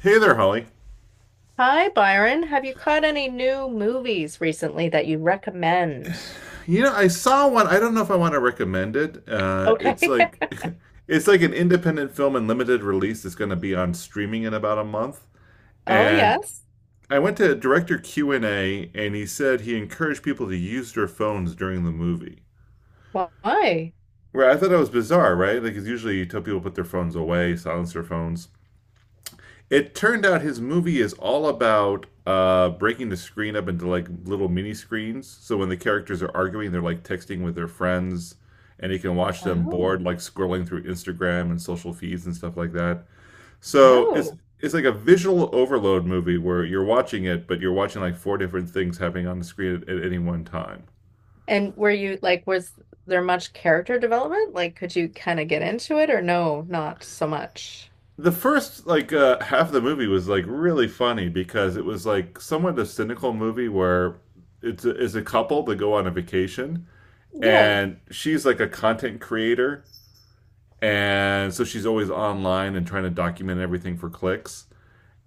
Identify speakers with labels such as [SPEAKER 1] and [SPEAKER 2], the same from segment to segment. [SPEAKER 1] Hey there, Holly.
[SPEAKER 2] Hi, Byron. Have you caught any new movies recently that you recommend?
[SPEAKER 1] You know, I saw one. I don't know if I want to recommend it.
[SPEAKER 2] Okay.
[SPEAKER 1] It's like it's like an independent film in limited release. It's going to be on streaming in about a month.
[SPEAKER 2] Oh,
[SPEAKER 1] And
[SPEAKER 2] yes.
[SPEAKER 1] I went to director Q and A, and he said he encouraged people to use their phones during the movie.
[SPEAKER 2] Why?
[SPEAKER 1] Where I thought that was bizarre, right? Like, 'cause usually you tell people to put their phones away, silence their phones. It turned out his movie is all about breaking the screen up into like little mini screens. So when the characters are arguing, they're like texting with their friends, and you can watch them bored,
[SPEAKER 2] Oh,
[SPEAKER 1] like scrolling through Instagram and social feeds and stuff like that. So it's
[SPEAKER 2] oh.
[SPEAKER 1] it's like a visual overload movie where you're watching it, but you're watching like four different things happening on the screen at any one time.
[SPEAKER 2] And were you like, was there much character development? Like, could you kind of get into it or no, not so much?
[SPEAKER 1] The first like half of the movie was like really funny because it was like somewhat a cynical movie where it's a couple that go on a vacation,
[SPEAKER 2] Yeah.
[SPEAKER 1] and she's like a content creator, and so she's always online and trying to document everything for clicks,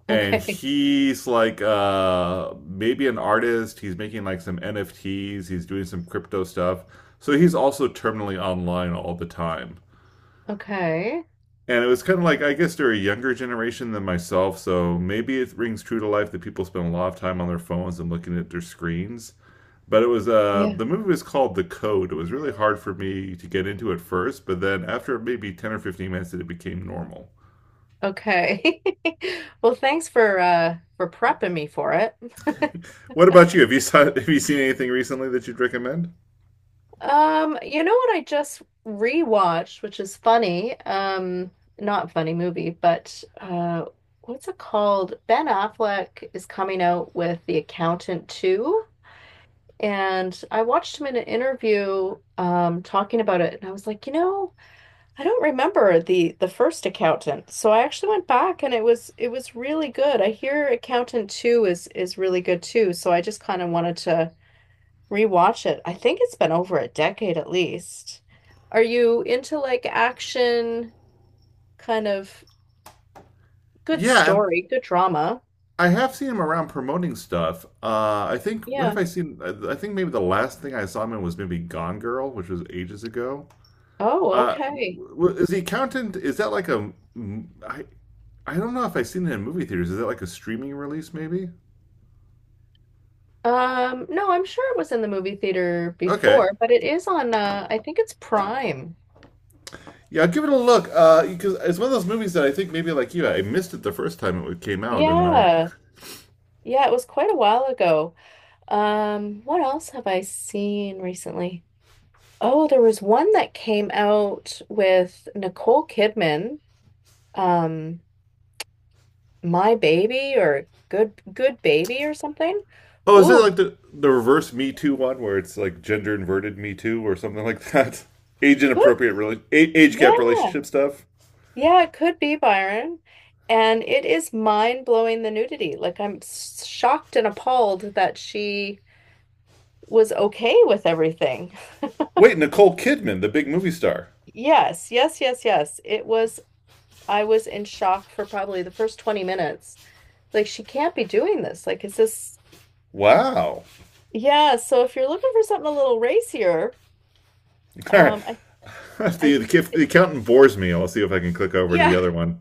[SPEAKER 1] and
[SPEAKER 2] Okay.
[SPEAKER 1] he's like maybe an artist. He's making like some nfts. He's doing some crypto stuff, so he's also terminally online all the time.
[SPEAKER 2] Okay.
[SPEAKER 1] And it was kind of like, I guess they're a younger generation than myself, so maybe it rings true to life that people spend a lot of time on their phones and looking at their screens. But it was the
[SPEAKER 2] Yeah.
[SPEAKER 1] movie was called The Code. It was really hard for me to get into at first, but then after maybe 10 or 15 minutes, it became normal.
[SPEAKER 2] Okay. Well, thanks for prepping me for it.
[SPEAKER 1] What about you? Have you have you seen anything recently that you'd recommend?
[SPEAKER 2] You know what I just rewatched, which is funny. Not funny movie, but what's it called? Ben Affleck is coming out with The Accountant 2, and I watched him in an interview talking about it, and I was like, you know, I don't remember the first Accountant. So I actually went back and it was really good. I hear Accountant 2 is really good too, so I just kind of wanted to rewatch it. I think it's been over a decade at least. Are you into like action, kind of good
[SPEAKER 1] Yeah, and
[SPEAKER 2] story, good drama?
[SPEAKER 1] I have seen him around promoting stuff. I think what have
[SPEAKER 2] Yeah.
[SPEAKER 1] I seen? I think maybe the last thing I saw him in was maybe Gone Girl, which was ages ago.
[SPEAKER 2] Oh,
[SPEAKER 1] Uh,
[SPEAKER 2] okay.
[SPEAKER 1] is the accountant? Is that like a? I I don't know if I've seen it in movie theaters. Is that like a streaming release? Maybe.
[SPEAKER 2] No, I'm sure it was in the movie theater
[SPEAKER 1] Okay.
[SPEAKER 2] before, but it is on I think it's Prime.
[SPEAKER 1] Yeah, give it a look. Because it's one of those movies that I think maybe like you, I missed it the first time it came out, and I,
[SPEAKER 2] Yeah. Yeah, it was quite a while ago. What else have I seen recently? Oh, there was one that came out with Nicole Kidman. Um, My Baby or Good Good Baby or something.
[SPEAKER 1] oh, is it
[SPEAKER 2] Ooh,
[SPEAKER 1] like the reverse Me Too one where it's like gender inverted Me Too or something like that? Age
[SPEAKER 2] could
[SPEAKER 1] inappropriate, really age gap
[SPEAKER 2] yeah.
[SPEAKER 1] relationship stuff.
[SPEAKER 2] Yeah, it could be Byron. And it is mind-blowing the nudity. Like I'm shocked and appalled that she was okay with everything.
[SPEAKER 1] Wait, Nicole Kidman, the big movie star.
[SPEAKER 2] Yes, yes, yes, yes. It was I was in shock for probably the first 20 minutes. Like she can't be doing this. Like is this.
[SPEAKER 1] Wow.
[SPEAKER 2] Yeah, so if you're looking for something a little racier,
[SPEAKER 1] All right.
[SPEAKER 2] um I
[SPEAKER 1] If the,
[SPEAKER 2] I
[SPEAKER 1] if the accountant bores me, I'll see if I can click over to the
[SPEAKER 2] yeah,
[SPEAKER 1] other one.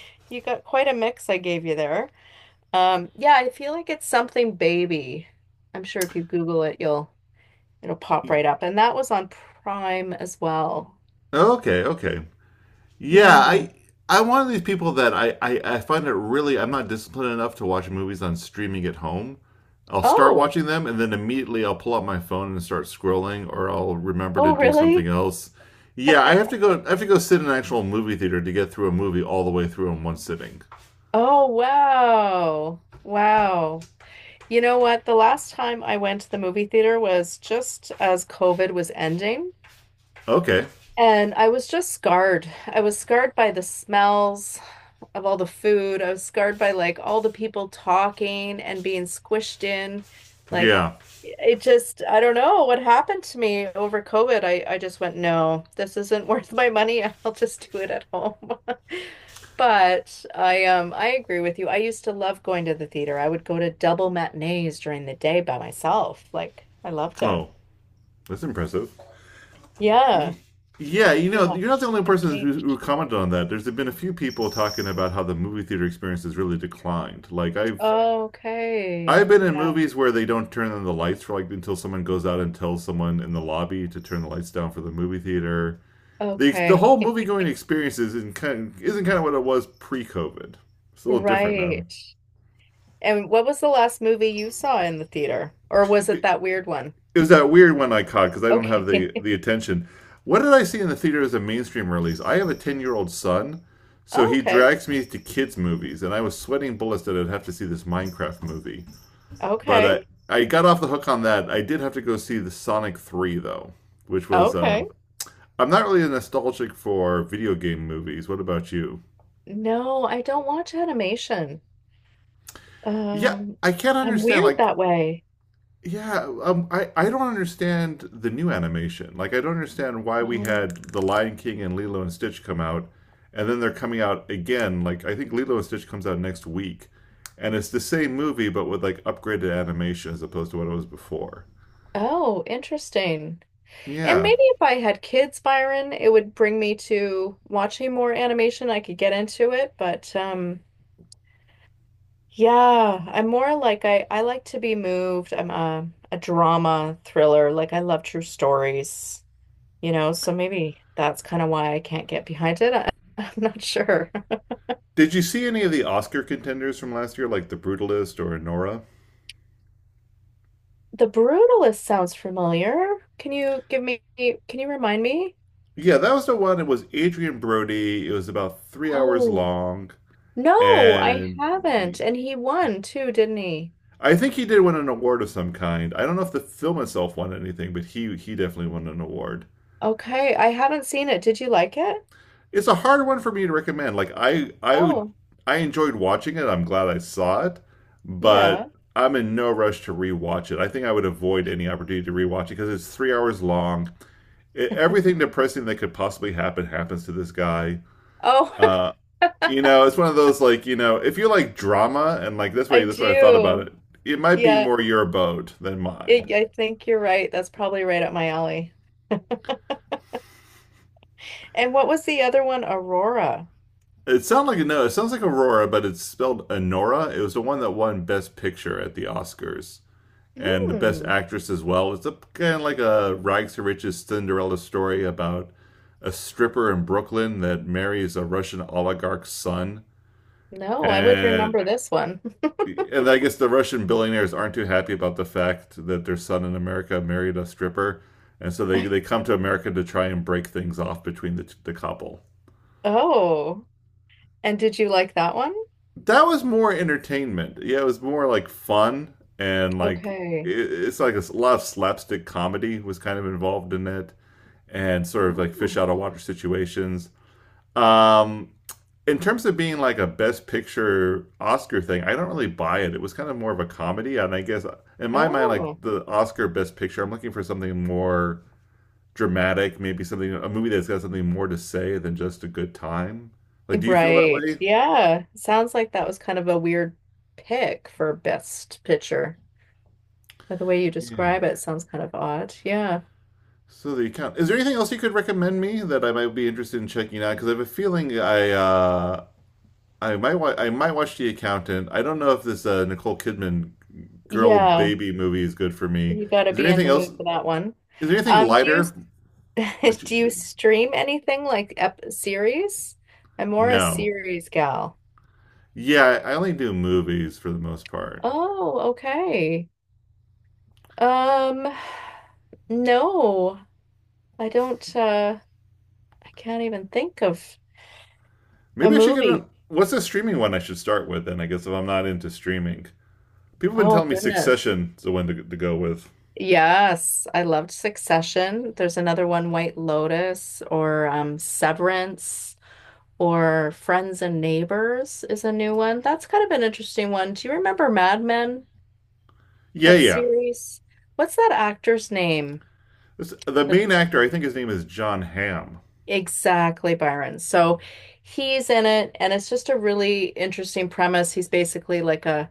[SPEAKER 2] you got quite a mix I gave you there. Yeah, I feel like it's something baby. I'm sure if you Google it, you'll it'll pop
[SPEAKER 1] E,
[SPEAKER 2] right up. And that was on Prime as well.
[SPEAKER 1] Okay, okay. Yeah,
[SPEAKER 2] Yeah.
[SPEAKER 1] I'm one of these people that I find it really I'm not disciplined enough to watch movies on streaming at home. I'll start
[SPEAKER 2] Oh,
[SPEAKER 1] watching them and then immediately I'll pull up my phone and start scrolling, or I'll remember to
[SPEAKER 2] oh,
[SPEAKER 1] do something
[SPEAKER 2] really?
[SPEAKER 1] else. Yeah, I have to go. I have to go sit in an actual movie theater to get through a movie all the way through in one sitting.
[SPEAKER 2] Oh, wow. Wow. You know what? The last time I went to the movie theater was just as COVID was ending,
[SPEAKER 1] Okay.
[SPEAKER 2] and I was just scarred. I was scarred by the smells of all the food. I was scarred by like all the people talking and being squished in. Like
[SPEAKER 1] Yeah.
[SPEAKER 2] it just, I don't know what happened to me over COVID. I just went, no, this isn't worth my money. I'll just do it at home. But I agree with you. I used to love going to the theater. I would go to double matinees during the day by myself. Like I loved it.
[SPEAKER 1] Oh, that's impressive.
[SPEAKER 2] Yeah.
[SPEAKER 1] Y- Yeah, you know,
[SPEAKER 2] Yeah.
[SPEAKER 1] you're not the only
[SPEAKER 2] I've
[SPEAKER 1] person who
[SPEAKER 2] changed.
[SPEAKER 1] commented on that. There's been a few people talking about how the movie theater experience has really declined. Like I've
[SPEAKER 2] Okay.
[SPEAKER 1] I've been in
[SPEAKER 2] Yeah.
[SPEAKER 1] movies where they don't turn on the lights for like until someone goes out and tells someone in the lobby to turn the lights down for the movie theater. The
[SPEAKER 2] Okay.
[SPEAKER 1] whole movie going experience isn't kind of what it was pre COVID. It's a little different now.
[SPEAKER 2] Right. And what was the last movie you saw in the theater? Or was it
[SPEAKER 1] It,
[SPEAKER 2] that weird one?
[SPEAKER 1] it was that weird one I caught because I don't have
[SPEAKER 2] Okay.
[SPEAKER 1] the attention. What did I see in the theater as a mainstream release? I have a 10 year old son, so he
[SPEAKER 2] Okay.
[SPEAKER 1] drags me to kids movies, and I was sweating bullets that I'd have to see this Minecraft movie. But
[SPEAKER 2] Okay.
[SPEAKER 1] I got off the hook on that. I did have to go see the Sonic Three though, which was
[SPEAKER 2] Okay.
[SPEAKER 1] I'm not really nostalgic for video game movies. What about you?
[SPEAKER 2] No, I don't watch animation.
[SPEAKER 1] Yeah,
[SPEAKER 2] Um,
[SPEAKER 1] I can't
[SPEAKER 2] I'm
[SPEAKER 1] understand
[SPEAKER 2] weird
[SPEAKER 1] like.
[SPEAKER 2] that way.
[SPEAKER 1] Yeah, I don't understand the new animation. Like, I don't understand why we
[SPEAKER 2] Um,
[SPEAKER 1] had The Lion King and Lilo and Stitch come out, and then they're coming out again. Like, I think Lilo and Stitch comes out next week, and it's the same movie but with like upgraded animation as opposed to what it was before.
[SPEAKER 2] oh, interesting. And
[SPEAKER 1] Yeah.
[SPEAKER 2] maybe if I had kids, Byron, it would bring me to watching more animation. I could get into it, but yeah, I'm more like I like to be moved. I'm a drama thriller. Like I love true stories. You know, so maybe that's kind of why I can't get behind it. I, I'm not sure.
[SPEAKER 1] Did you see any of the Oscar contenders from last year, like The Brutalist or Nora?
[SPEAKER 2] The Brutalist sounds familiar. Can you remind me?
[SPEAKER 1] Yeah, that was the one. It was Adrian Brody. It was about 3 hours
[SPEAKER 2] Oh,
[SPEAKER 1] long,
[SPEAKER 2] no, I
[SPEAKER 1] and
[SPEAKER 2] haven't. And he won too, didn't he?
[SPEAKER 1] I think he did win an award of some kind. I don't know if the film itself won anything, but he definitely won an award.
[SPEAKER 2] Okay, I haven't seen it. Did you like it?
[SPEAKER 1] It's a hard one for me to recommend. Like I I
[SPEAKER 2] Oh,
[SPEAKER 1] I enjoyed watching it. I'm glad I saw it,
[SPEAKER 2] yeah.
[SPEAKER 1] but I'm in no rush to rewatch it. I think I would avoid any opportunity to rewatch it because it's 3 hours long it, everything depressing that could possibly happen happens to this guy.
[SPEAKER 2] Oh,
[SPEAKER 1] Uh, you know, it's one of those like you know, if you like drama and like
[SPEAKER 2] I
[SPEAKER 1] this way I thought about
[SPEAKER 2] do.
[SPEAKER 1] it. It might be
[SPEAKER 2] Yeah,
[SPEAKER 1] more your boat than mine.
[SPEAKER 2] I think you're right. That's probably right up my alley. And what was the other one? Aurora.
[SPEAKER 1] It sounds like no, it sounds like Aurora, but it's spelled Honora. It was the one that won Best Picture at the Oscars and the Best
[SPEAKER 2] Hmm.
[SPEAKER 1] Actress as well. It's a kind of like a rags to riches Cinderella story about a stripper in Brooklyn that marries a Russian oligarch's son,
[SPEAKER 2] No, I would
[SPEAKER 1] and
[SPEAKER 2] remember this one.
[SPEAKER 1] and I guess the Russian billionaires aren't too happy about the fact that their son in America married a stripper, and so they they come to America to try and break things off between the couple.
[SPEAKER 2] Oh, and did you like that one?
[SPEAKER 1] That was more entertainment. Yeah, it was more like fun and like it,
[SPEAKER 2] Okay.
[SPEAKER 1] it's like a lot of slapstick comedy was kind of involved in it, and sort of like fish
[SPEAKER 2] Oh,
[SPEAKER 1] out of water situations. Um, in terms of being like a best picture Oscar thing, I don't really buy it. It was kind of more of a comedy, and I guess in my mind, like
[SPEAKER 2] oh,
[SPEAKER 1] the Oscar best picture, I'm looking for something more dramatic, maybe something a movie that's got something more to say than just a good time. Like, do you feel that
[SPEAKER 2] right.
[SPEAKER 1] way?
[SPEAKER 2] Yeah. Sounds like that was kind of a weird pick for best picture. By the way you
[SPEAKER 1] Yeah.
[SPEAKER 2] describe it, sounds kind of odd. Yeah.
[SPEAKER 1] So there you count. Is there anything else you could recommend me that I might be interested in checking out? Because I have a feeling I I might watch The Accountant. I don't know if this Nicole Kidman girl
[SPEAKER 2] Yeah.
[SPEAKER 1] baby movie is good for me.
[SPEAKER 2] You got to
[SPEAKER 1] Is there
[SPEAKER 2] be in
[SPEAKER 1] anything
[SPEAKER 2] the
[SPEAKER 1] else?
[SPEAKER 2] mood for that one.
[SPEAKER 1] Is there anything
[SPEAKER 2] Do you
[SPEAKER 1] lighter? Which
[SPEAKER 2] do you stream anything like ep series? I'm more a
[SPEAKER 1] No.
[SPEAKER 2] series gal.
[SPEAKER 1] Yeah, I only do movies for the most part.
[SPEAKER 2] Oh, okay. Um, no, I don't. I can't even think of a
[SPEAKER 1] Maybe I should get a.
[SPEAKER 2] movie.
[SPEAKER 1] What's the streaming one I should start with then? I guess if I'm not into streaming. People have been
[SPEAKER 2] Oh,
[SPEAKER 1] telling me
[SPEAKER 2] goodness.
[SPEAKER 1] Succession is the one to go with.
[SPEAKER 2] Yes, I loved Succession. There's another one, White Lotus, or Severance, or Friends and Neighbors is a new one. That's kind of an interesting one. Do you remember Mad Men,
[SPEAKER 1] Yeah,
[SPEAKER 2] that
[SPEAKER 1] yeah.
[SPEAKER 2] series? What's that actor's name?
[SPEAKER 1] This, the
[SPEAKER 2] The
[SPEAKER 1] main actor, I think his name is John Hamm.
[SPEAKER 2] Exactly, Byron. So he's in it, and it's just a really interesting premise. He's basically like a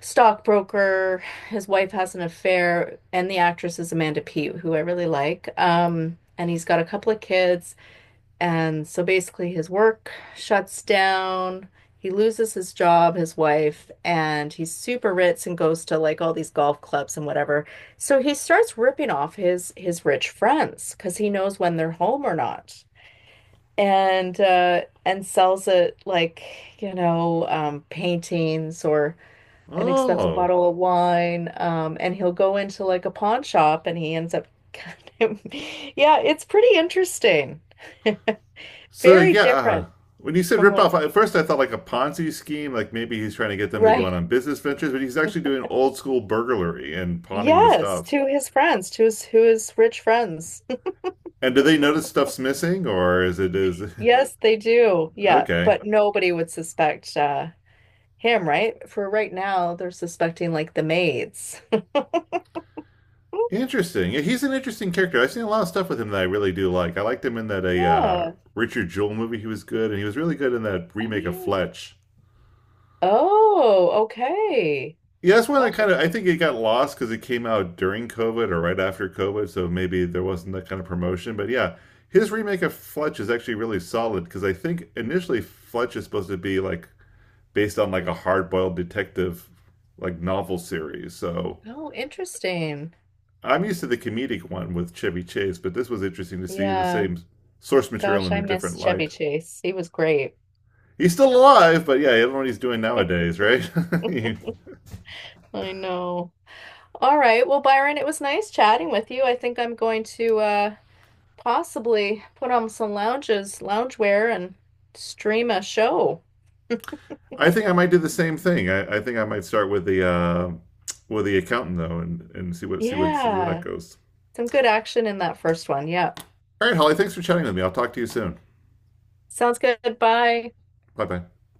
[SPEAKER 2] stockbroker. His wife has an affair, and the actress is Amanda Peet, who I really like. And he's got a couple of kids, and so basically his work shuts down. He loses his job, his wife, and he's super rich and goes to like all these golf clubs and whatever. So he starts ripping off his rich friends because he knows when they're home or not. And sells it like, you know, paintings or an expensive
[SPEAKER 1] Oh.
[SPEAKER 2] bottle of wine, and he'll go into like a pawn shop and he ends up yeah, it's pretty interesting.
[SPEAKER 1] So,
[SPEAKER 2] Very
[SPEAKER 1] yeah.
[SPEAKER 2] different
[SPEAKER 1] When you said
[SPEAKER 2] from like
[SPEAKER 1] ripoff, at first I thought like a Ponzi scheme, like maybe he's trying to get them to go out
[SPEAKER 2] right.
[SPEAKER 1] on business ventures, but he's actually doing old school burglary and pawning the
[SPEAKER 2] Yes,
[SPEAKER 1] stuff.
[SPEAKER 2] to his friends, to his who his rich friends.
[SPEAKER 1] And do they notice stuff's missing, or is it is
[SPEAKER 2] Yes, they do. Yeah,
[SPEAKER 1] Okay?
[SPEAKER 2] but nobody would suspect him, right? For right now, they're suspecting like the maids. Oh,
[SPEAKER 1] Interesting. Yeah, he's an interesting character. I've seen a lot of stuff with him that I really do like. I liked him in that a
[SPEAKER 2] yeah.
[SPEAKER 1] Richard Jewell movie. He was good, and he was really good in that
[SPEAKER 2] Oh
[SPEAKER 1] remake of
[SPEAKER 2] yeah.
[SPEAKER 1] Fletch.
[SPEAKER 2] Oh, okay.
[SPEAKER 1] Yeah, that's one that
[SPEAKER 2] Gosh,
[SPEAKER 1] kind
[SPEAKER 2] it's
[SPEAKER 1] of I think it got lost because it came out during COVID or right after COVID, so maybe there wasn't that kind of promotion. But yeah, his remake of Fletch is actually really solid because I think initially Fletch is supposed to be like based on like a hard boiled detective like novel series. So
[SPEAKER 2] oh interesting.
[SPEAKER 1] I'm used to the comedic one with Chevy Chase, but this was interesting to see the
[SPEAKER 2] Yeah.
[SPEAKER 1] same source material
[SPEAKER 2] Gosh,
[SPEAKER 1] in
[SPEAKER 2] I
[SPEAKER 1] a
[SPEAKER 2] miss
[SPEAKER 1] different
[SPEAKER 2] Chevy
[SPEAKER 1] light.
[SPEAKER 2] Chase. He was great.
[SPEAKER 1] He's still alive, but yeah, I don't know what he's doing nowadays, right?
[SPEAKER 2] I know. All right. Well, Byron, it was nice chatting with you. I think I'm going to possibly put on some loungewear and stream a show.
[SPEAKER 1] I think I might do the same thing. I think I might start with the accountant though, and see what see what see where that
[SPEAKER 2] Yeah.
[SPEAKER 1] goes.
[SPEAKER 2] Some good action in that first one. Yeah.
[SPEAKER 1] All right, Holly, thanks for chatting with me. I'll talk to you soon.
[SPEAKER 2] Sounds good. Bye.
[SPEAKER 1] Bye bye.